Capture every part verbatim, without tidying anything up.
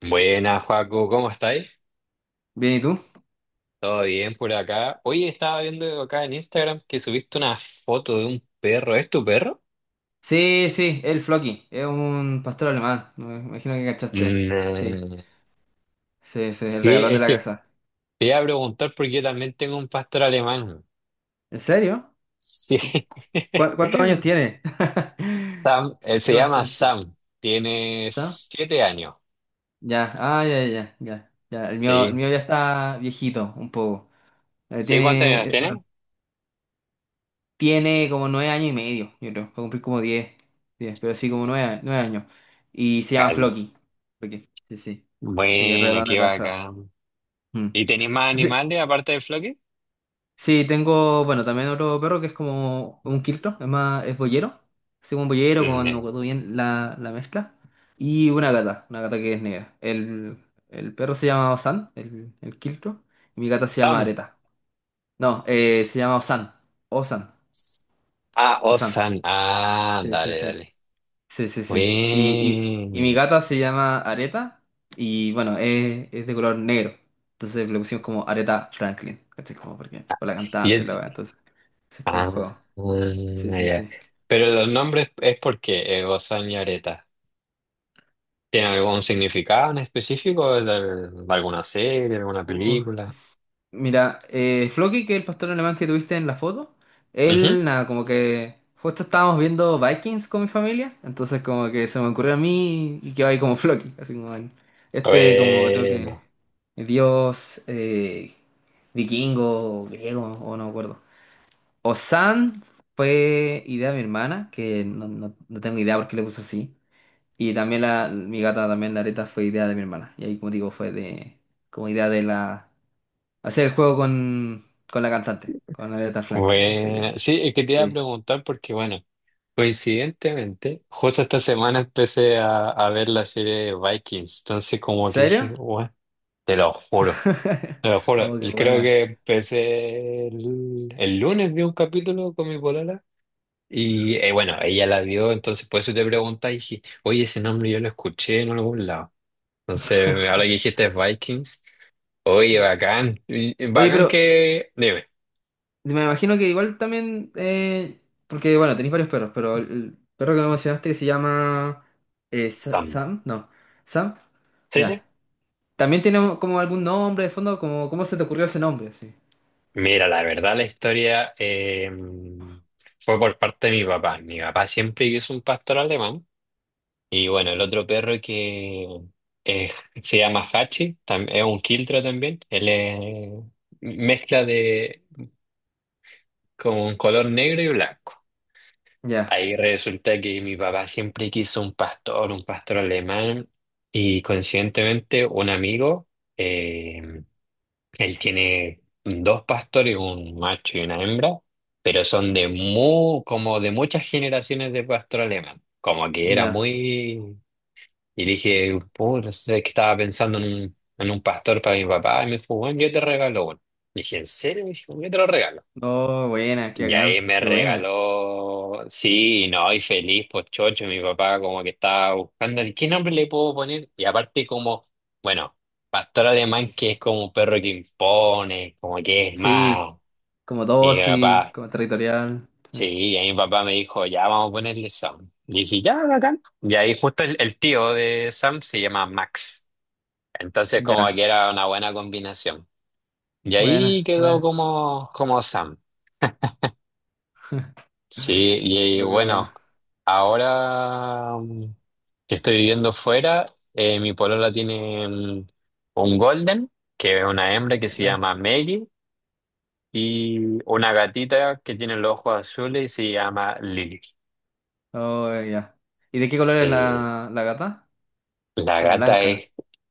Buenas, Joaco, ¿cómo estáis? Bien, ¿y tú? ¿Todo bien por acá? Hoy estaba viendo acá en Instagram que subiste una foto de un perro. ¿Es tu perro? Sí, sí, el Floki, es un pastor alemán, me imagino que cachaste. Sí, Mm, sí, sí, el sí, regalón de es la que casa. te iba a preguntar porque yo también tengo un pastor alemán. ¿En serio? Sí. ¿Cu- cuántos años tiene? Sam, él Qué se llama conciencia. Sam. Tiene ¿Sam? siete años. Ya, ah, ya, ya, ya, ya. El mío, el Sí. mío ya está viejito, un poco. Eh, ¿Sí? ¿Cuántos años tiene, eh, bueno, tiene? tiene como nueve años y medio, yo creo. Va a cumplir como diez, diez, pero sí, como nueve, a- nueve años. Y se llama Ay, Floki. Floki. Sí, sí. Sí, el bueno, regalón de qué la casa. bacán. Mm. ¿Y tenéis más Entonces, animales aparte del Floki? sí, tengo, bueno, también otro perro que es como un quiltro, es más, es boyero, así como un boyero con, no Mm. recuerdo bien la, la mezcla, y una gata, una gata que es negra. El, el perro se llama Osan, el, el quiltro, y mi gata se llama Sam. Areta. No, eh, se llama Osan, Osan, Ah, Osan. Osan. Ah, Sí, sí, dale, sí. dale. Sí, sí, sí. Y, y, y mi Bien. gata se llama Areta y bueno, es, es de color negro. Entonces le pusimos como Areta Franklin. ¿Cachai? Como porque, por la Y cantante, la es- verdad. Entonces, ese es como el ah, juego. Sí, ah, sí, ya. sí. Pero los nombres es porque eh, Osan y Areta. ¿Tiene algún significado en específico de, de alguna serie, de alguna Uh, película? s- Mira, eh, Floki, que es el pastor alemán que tuviste en la foto, Ujú. él, nada, como que justo estábamos viendo Vikings con mi familia, entonces como que se me ocurrió a mí y quedó ahí como Floki, así como el- este como otro que Bueno, dios, eh, vikingo, o griego, o no me acuerdo. Osan fue idea de mi hermana, que no, no- no tengo idea por qué le puso así. Y también la, mi gata, también la Areta, fue idea de mi hermana. Y ahí, como digo, fue de, como idea de la, hacer el juego con, con la cantante, con Aretha Franklin. Así que, bueno. Sí, es que te sí. iba a ¿En preguntar porque, bueno, coincidentemente, justo esta semana empecé a, a ver la serie de Vikings. Entonces, como que dije, ¿Serio? bueno, te lo juro. Te lo juro, Oh, qué y creo buena. que empecé el, el lunes, vi un capítulo con mi polola y eh, bueno, ella la vio, entonces por eso te pregunté y dije, oye, ese nombre yo lo escuché en algún lado. Entonces, ahora que dijiste Vikings, oye, bacán, y- y Oye, bacán pero que... Dime, me imagino que igual también, eh, porque bueno, tenéis varios perros, pero el, el perro que me mencionaste que se llama eh, Sa- Sam. Sam, no, Sam, Sí, sí. ya. ¿También tiene como algún nombre de fondo? Como, ¿cómo se te ocurrió ese nombre? Sí. Mira, la verdad la historia eh, fue por parte de mi papá. Mi papá siempre quiso un pastor alemán. Y bueno, el otro perro que eh, se llama Hachi, tam- es un quiltro también. Él es mezcla de con color negro y blanco. Ya, Ahí resulta que mi papá siempre quiso un pastor, un pastor alemán, y coincidentemente un amigo, eh, él tiene dos pastores, un macho y una hembra, pero son de mu- como de muchas generaciones de pastor alemán. Como que era ya. muy. Y le dije, puta, es que estaba pensando en un, en un pastor para mi papá. Y me dijo, bueno, yo te regalo uno. Le dije, ¿en serio? Y dijo, yo te lo regalo. No, buena, qué Y ahí bacán, me qué buena. regaló, sí, y no, y feliz, pues chocho, mi papá como que estaba buscando, ¿qué nombre le puedo poner? Y aparte como, bueno, pastor alemán que es como un perro que impone, como que es más, Sí, como mi dócil, papá, como territorial. Sí. sí, y ahí mi papá me dijo, ya vamos a ponerle Sam. Y dije, ya, bacán. Y ahí justo el, el tío de Sam se llama Max. Entonces, como que Ya, era una buena combinación. Y buena, ahí quedó buena. como, como Sam. Sí, Oh, y qué bueno, buena. ahora mm, que estoy viviendo fuera, eh, mi polola tiene mm, un golden, que es una hembra que Oh, se buena. llama Maggie, y una gatita que tiene los ojos azules y se llama Lily. Oh, ya. ¿Y de qué color es Sí, la, la gata? la Como gata blanca. es,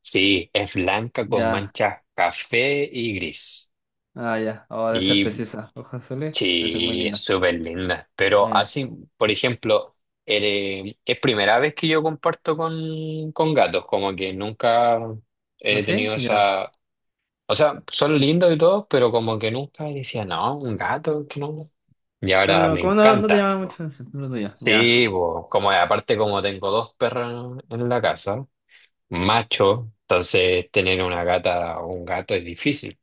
sí, es blanca con Ya, manchas café y gris. ah, ya. Oh, debe ser Y preciosa. Ojos azules, debe ser muy sí, es linda. súper linda. Pero Buena. así, por ejemplo, eh, es primera vez que yo comparto con, con gatos, como que nunca ¿No he sé? tenido Ya. esa... O sea, son lindos y todo, pero como que nunca decía, no, un gato, que no. Y No, ahora no, me ¿cómo no, no te encanta. llama mucho la atención? No lo tuyo. Ya. Sí, bo, como aparte como tengo dos perros en la casa, macho, entonces tener una gata o un gato es difícil.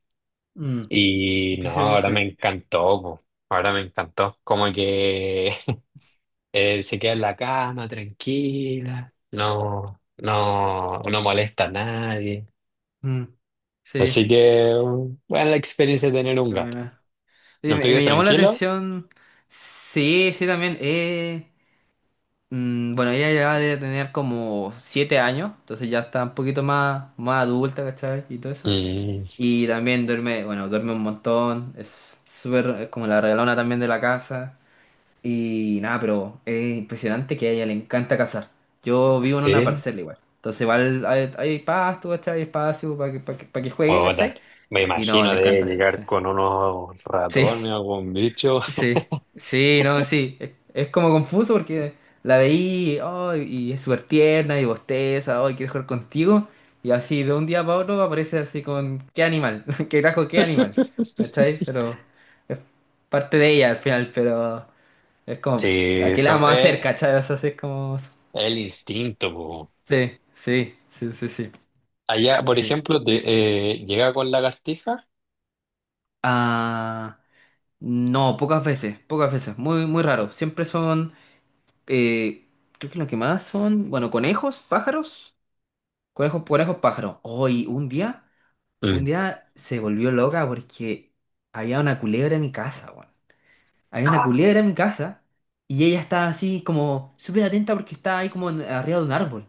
Mm. Y no, Empiezo yo, ahora sí. me encantó, bo. Ahora me encantó. Como que Eh, se queda en la cama tranquila, no, no, no molesta a nadie. Mm. Así Sí, que, um, buena la experiencia de tener un qué gato. buena. Oye, ¿El me, tuyo es me llamó la tranquilo? atención. Sí, sí, también. Eh. Mm, bueno, ella ya debe tener como siete años, entonces ya está un poquito más, más adulta, ¿cachai? Y todo eso. Mm, Y también duerme, bueno, duerme un montón, es súper, es como la regalona también de la casa. Y nada, pero es impresionante que a ella le encanta cazar. Yo vivo en una sí. parcela igual, entonces igual hay, hay pasto, ¿cachai? Hay espacio para que, para que, pa' que juegue, Puta, ¿cachai? me Y no, imagino le de encanta, sí. llegar con unos Sí, ratones o algún bicho. sí, sí, no, sí. Es, es como confuso porque la veí, oh, y es súper tierna y bosteza, oh, y quiere jugar contigo. Y así de un día para otro aparece así con qué animal, qué grajo, qué animal. ¿Cachai? Pero es parte de ella al final, pero es Sí, como, ¿a qué le eso vamos a hacer, es cachai? O sea, sí, es como. el instinto po. Sí, sí, sí, sí, sí. Allá, por Sí. ejemplo, te, eh, llega con lagartija. Ah, no, pocas veces, pocas veces, muy, muy raro. Siempre son. Eh, creo que lo que más son, bueno, conejos, pájaros, conejos, conejos, pájaros. Hoy, un día, un Mm. día se volvió loca porque había una culebra en mi casa, weón. Había una culebra en mi casa y ella estaba así como súper atenta porque estaba ahí como en- arriba de un árbol.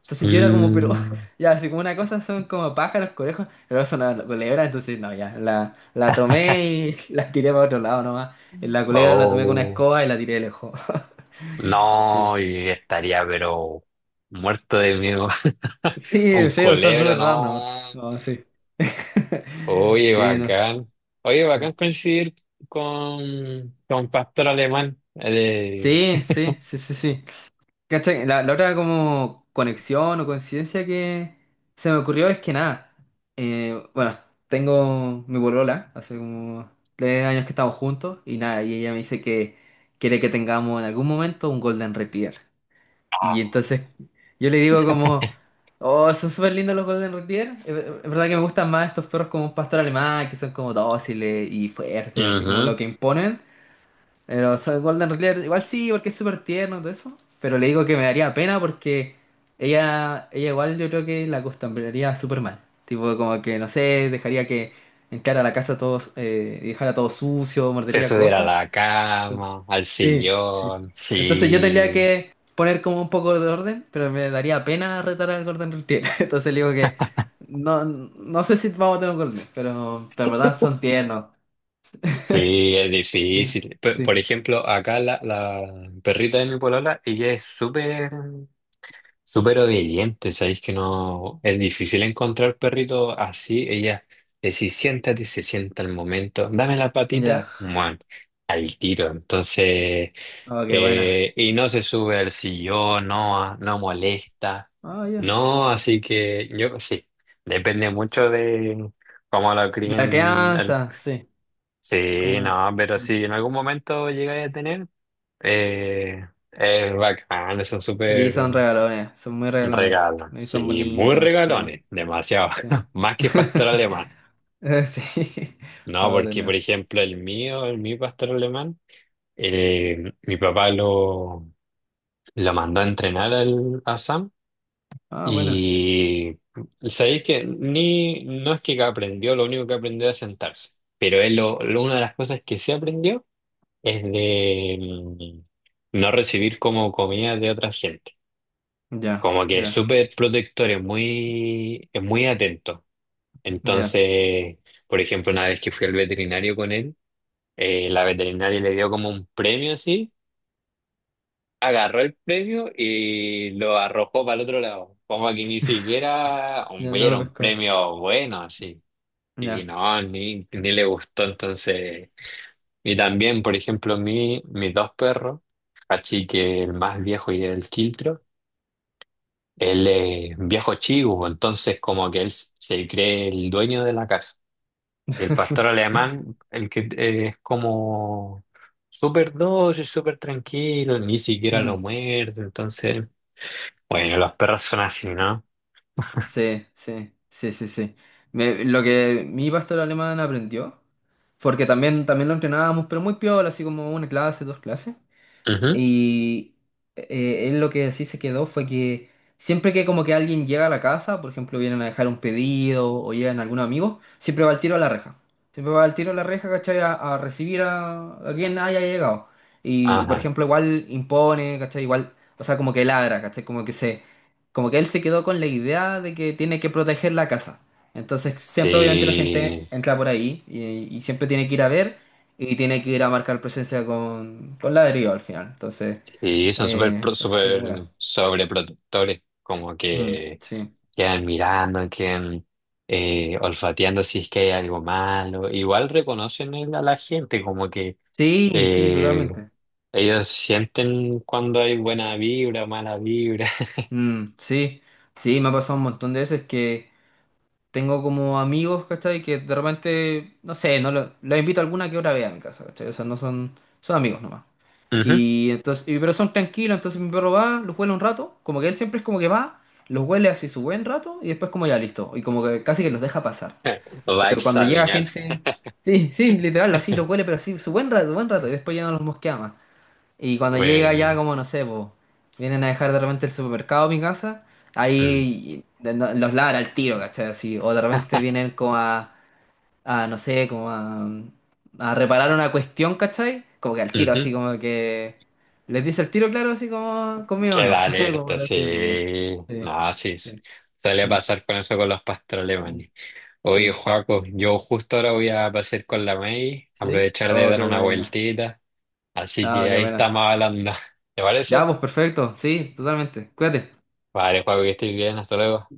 Entonces yo era como, pero Mm. ya, así como una cosa son como pájaros, conejos, pero son una culebra, entonces no, ya, la, la tomé y la tiré para otro lado nomás. La culebra la tomé con una Oh. escoba y la tiré lejos. Sí. No, y estaría pero muerto de miedo. Sí, Con sí, o sea, Colebro, súper random. no. No, sí. Oye, Sí, no. bacán. Oye, bacán coincidir con, con Pastor Alemán. Eh, Sí, sí, sí, sí, sí. ¿Cachai? La, la otra como conexión o coincidencia que se me ocurrió es que nada. eh, bueno, tengo mi polola, hace como tres años que estamos juntos y nada, y ella me dice que quiere que tengamos en algún momento un Golden Retriever. Y entonces yo le digo como, oh, son súper lindos los Golden Retriever. Es ver- es verdad que me gustan más estos perros como un pastor alemán, que son como dóciles y fuertes, así como ujú. lo que imponen. Pero son Golden Retriever, igual sí, porque es súper tierno y todo eso. Pero le digo que me daría pena porque ella, ella igual yo creo que la acostumbraría súper mal. Tipo como que, no sé, dejaría que entrara a la casa todos, eh, y dejara todo sucio, Te mordería subir a cosas. la cama, al Sí, sí. sillón. Entonces yo tendría Sí, que poner como un poco de orden, pero me daría pena retar al Gordon Retriever. Entonces le digo que no, no sé si vamos a tener un Golden, pero, pero en verdad son tiernos. sí, es Sí, difícil. P- sí. Por, ejemplo, acá la, la perrita de mi polola, ella es súper. Súper obediente, sabéis que no es difícil encontrar perritos así. Ella le si siéntate, se sienta al momento, dame la patita, Ya. muan, al tiro. Entonces, Oh, qué buena. eh, y no se sube al sillón, no, no molesta, Ah, ya. no. Así que yo sí, depende mucho de cómo lo De la críen. El... crianza, sí. Sí, Como... no, pero si en algún momento llegáis a tener, eh, es bacán, son Sí, son súper. regalones, son muy regalones. Regalo, Y son sí, muy bonitos, sí, regalones, demasiado, sí. más que pastor alemán. Eh, Sí. No, Oh, de porque por nuevo. ejemplo el mío, el mi pastor alemán, eh, mi papá lo, lo mandó a entrenar al, a Sam Ah, bueno. y sabéis que ni, no es que aprendió, lo único que aprendió es sentarse, pero él lo, lo- una de las cosas que sí aprendió es de mm, no recibir como comida de otra gente. Ya, Como que es ya, súper protector, es muy, es muy atento. ya. Entonces, por ejemplo, una vez que fui al veterinario con él, eh, la veterinaria le dio como un premio así, agarró el premio y lo arrojó para el otro lado, como que ni siquiera un, Ya no lo era un pesco. premio bueno así. Y Ya. no, ni, ni le gustó entonces. Y también, por ejemplo, mi, mis dos perros, Hachi, que el más viejo y el Quiltro, él es viejo chivo, entonces como que él se cree el dueño de la casa. El pastor alemán, el que eh, es como súper dócil, súper tranquilo, ni siquiera lo Mm, muerde. Entonces, bueno, los perros son así, ¿no? sí, sí, sí, sí, sí. Me- lo que mi pastor alemán aprendió, porque también, también lo entrenábamos, pero muy piola, así como una clase, dos clases. Ujú. Y, eh, él lo que así se quedó fue que siempre que como que alguien llega a la casa, por ejemplo, vienen a dejar un pedido o llegan algunos amigos, siempre va al tiro a la reja. Siempre va al tiro a la reja, ¿cachai? A, a recibir a, a quien haya llegado. Y, por Ajá. ejemplo, igual impone, ¿cachai? Igual, o sea, como que ladra, ¿cachai? Como que se, como que él se quedó con la idea de que tiene que proteger la casa. Entonces, siempre obviamente la gente Sí, entra por ahí y, y siempre tiene que ir a ver y tiene que ir a marcar presencia con, con, ladrillo al final. Entonces, sí, son súper eh, pro- es muy súper complicado. sobreprotectores, como Mm, que sí. quedan mirando, quedan eh, olfateando si es que hay algo malo. Igual reconocen el- a la gente, como que Sí, sí, eh, totalmente. ellos sienten cuando hay buena vibra, mala vibra. Mm, sí, sí, me ha pasado un montón de veces que tengo como amigos, ¿cachai? Que de repente, no sé, no lo- los invito a alguna que otra vez a mi casa, ¿cachai? O sea, no son, son amigos nomás. Ujú. Y entonces, y- pero son tranquilos, entonces mi perro va, los huele un rato, como que él siempre es como que va, los huele así su buen rato y después como ya listo, y como que casi que los deja pasar. Lo va a Pero cuando llega examinar. gente, sí, sí, literal, así lo huele, pero así, su buen rato, buen rato, y después ya no los mosquea más. Y cuando llega ya, Bueno. como no sé, po, vienen a dejar de repente el supermercado a mi casa, Mm. ahí de- no- los ladra al tiro, ¿cachai? Así, o de repente vienen como a, a, no sé, como a, a reparar una cuestión, ¿cachai? Como que al tiro, Ujú. así como que les dice al tiro, claro, así como conmigo Queda no. Como alerta, para sí. así decirlo. Sí, No, sí. s- sí. Suele Mm, pasar con eso con los pastos mm. alemanes. Oye, Sí, Joaco, yo justo ahora voy a pasar con la May, sí. aprovechar de Oh, dar qué una buena. vueltita. Así Oh, que qué ahí buena. estamos hablando. ¿Te parece? Ya, pues perfecto, sí, totalmente. Cuídate. Vale, Joaco, que estés bien. Hasta luego.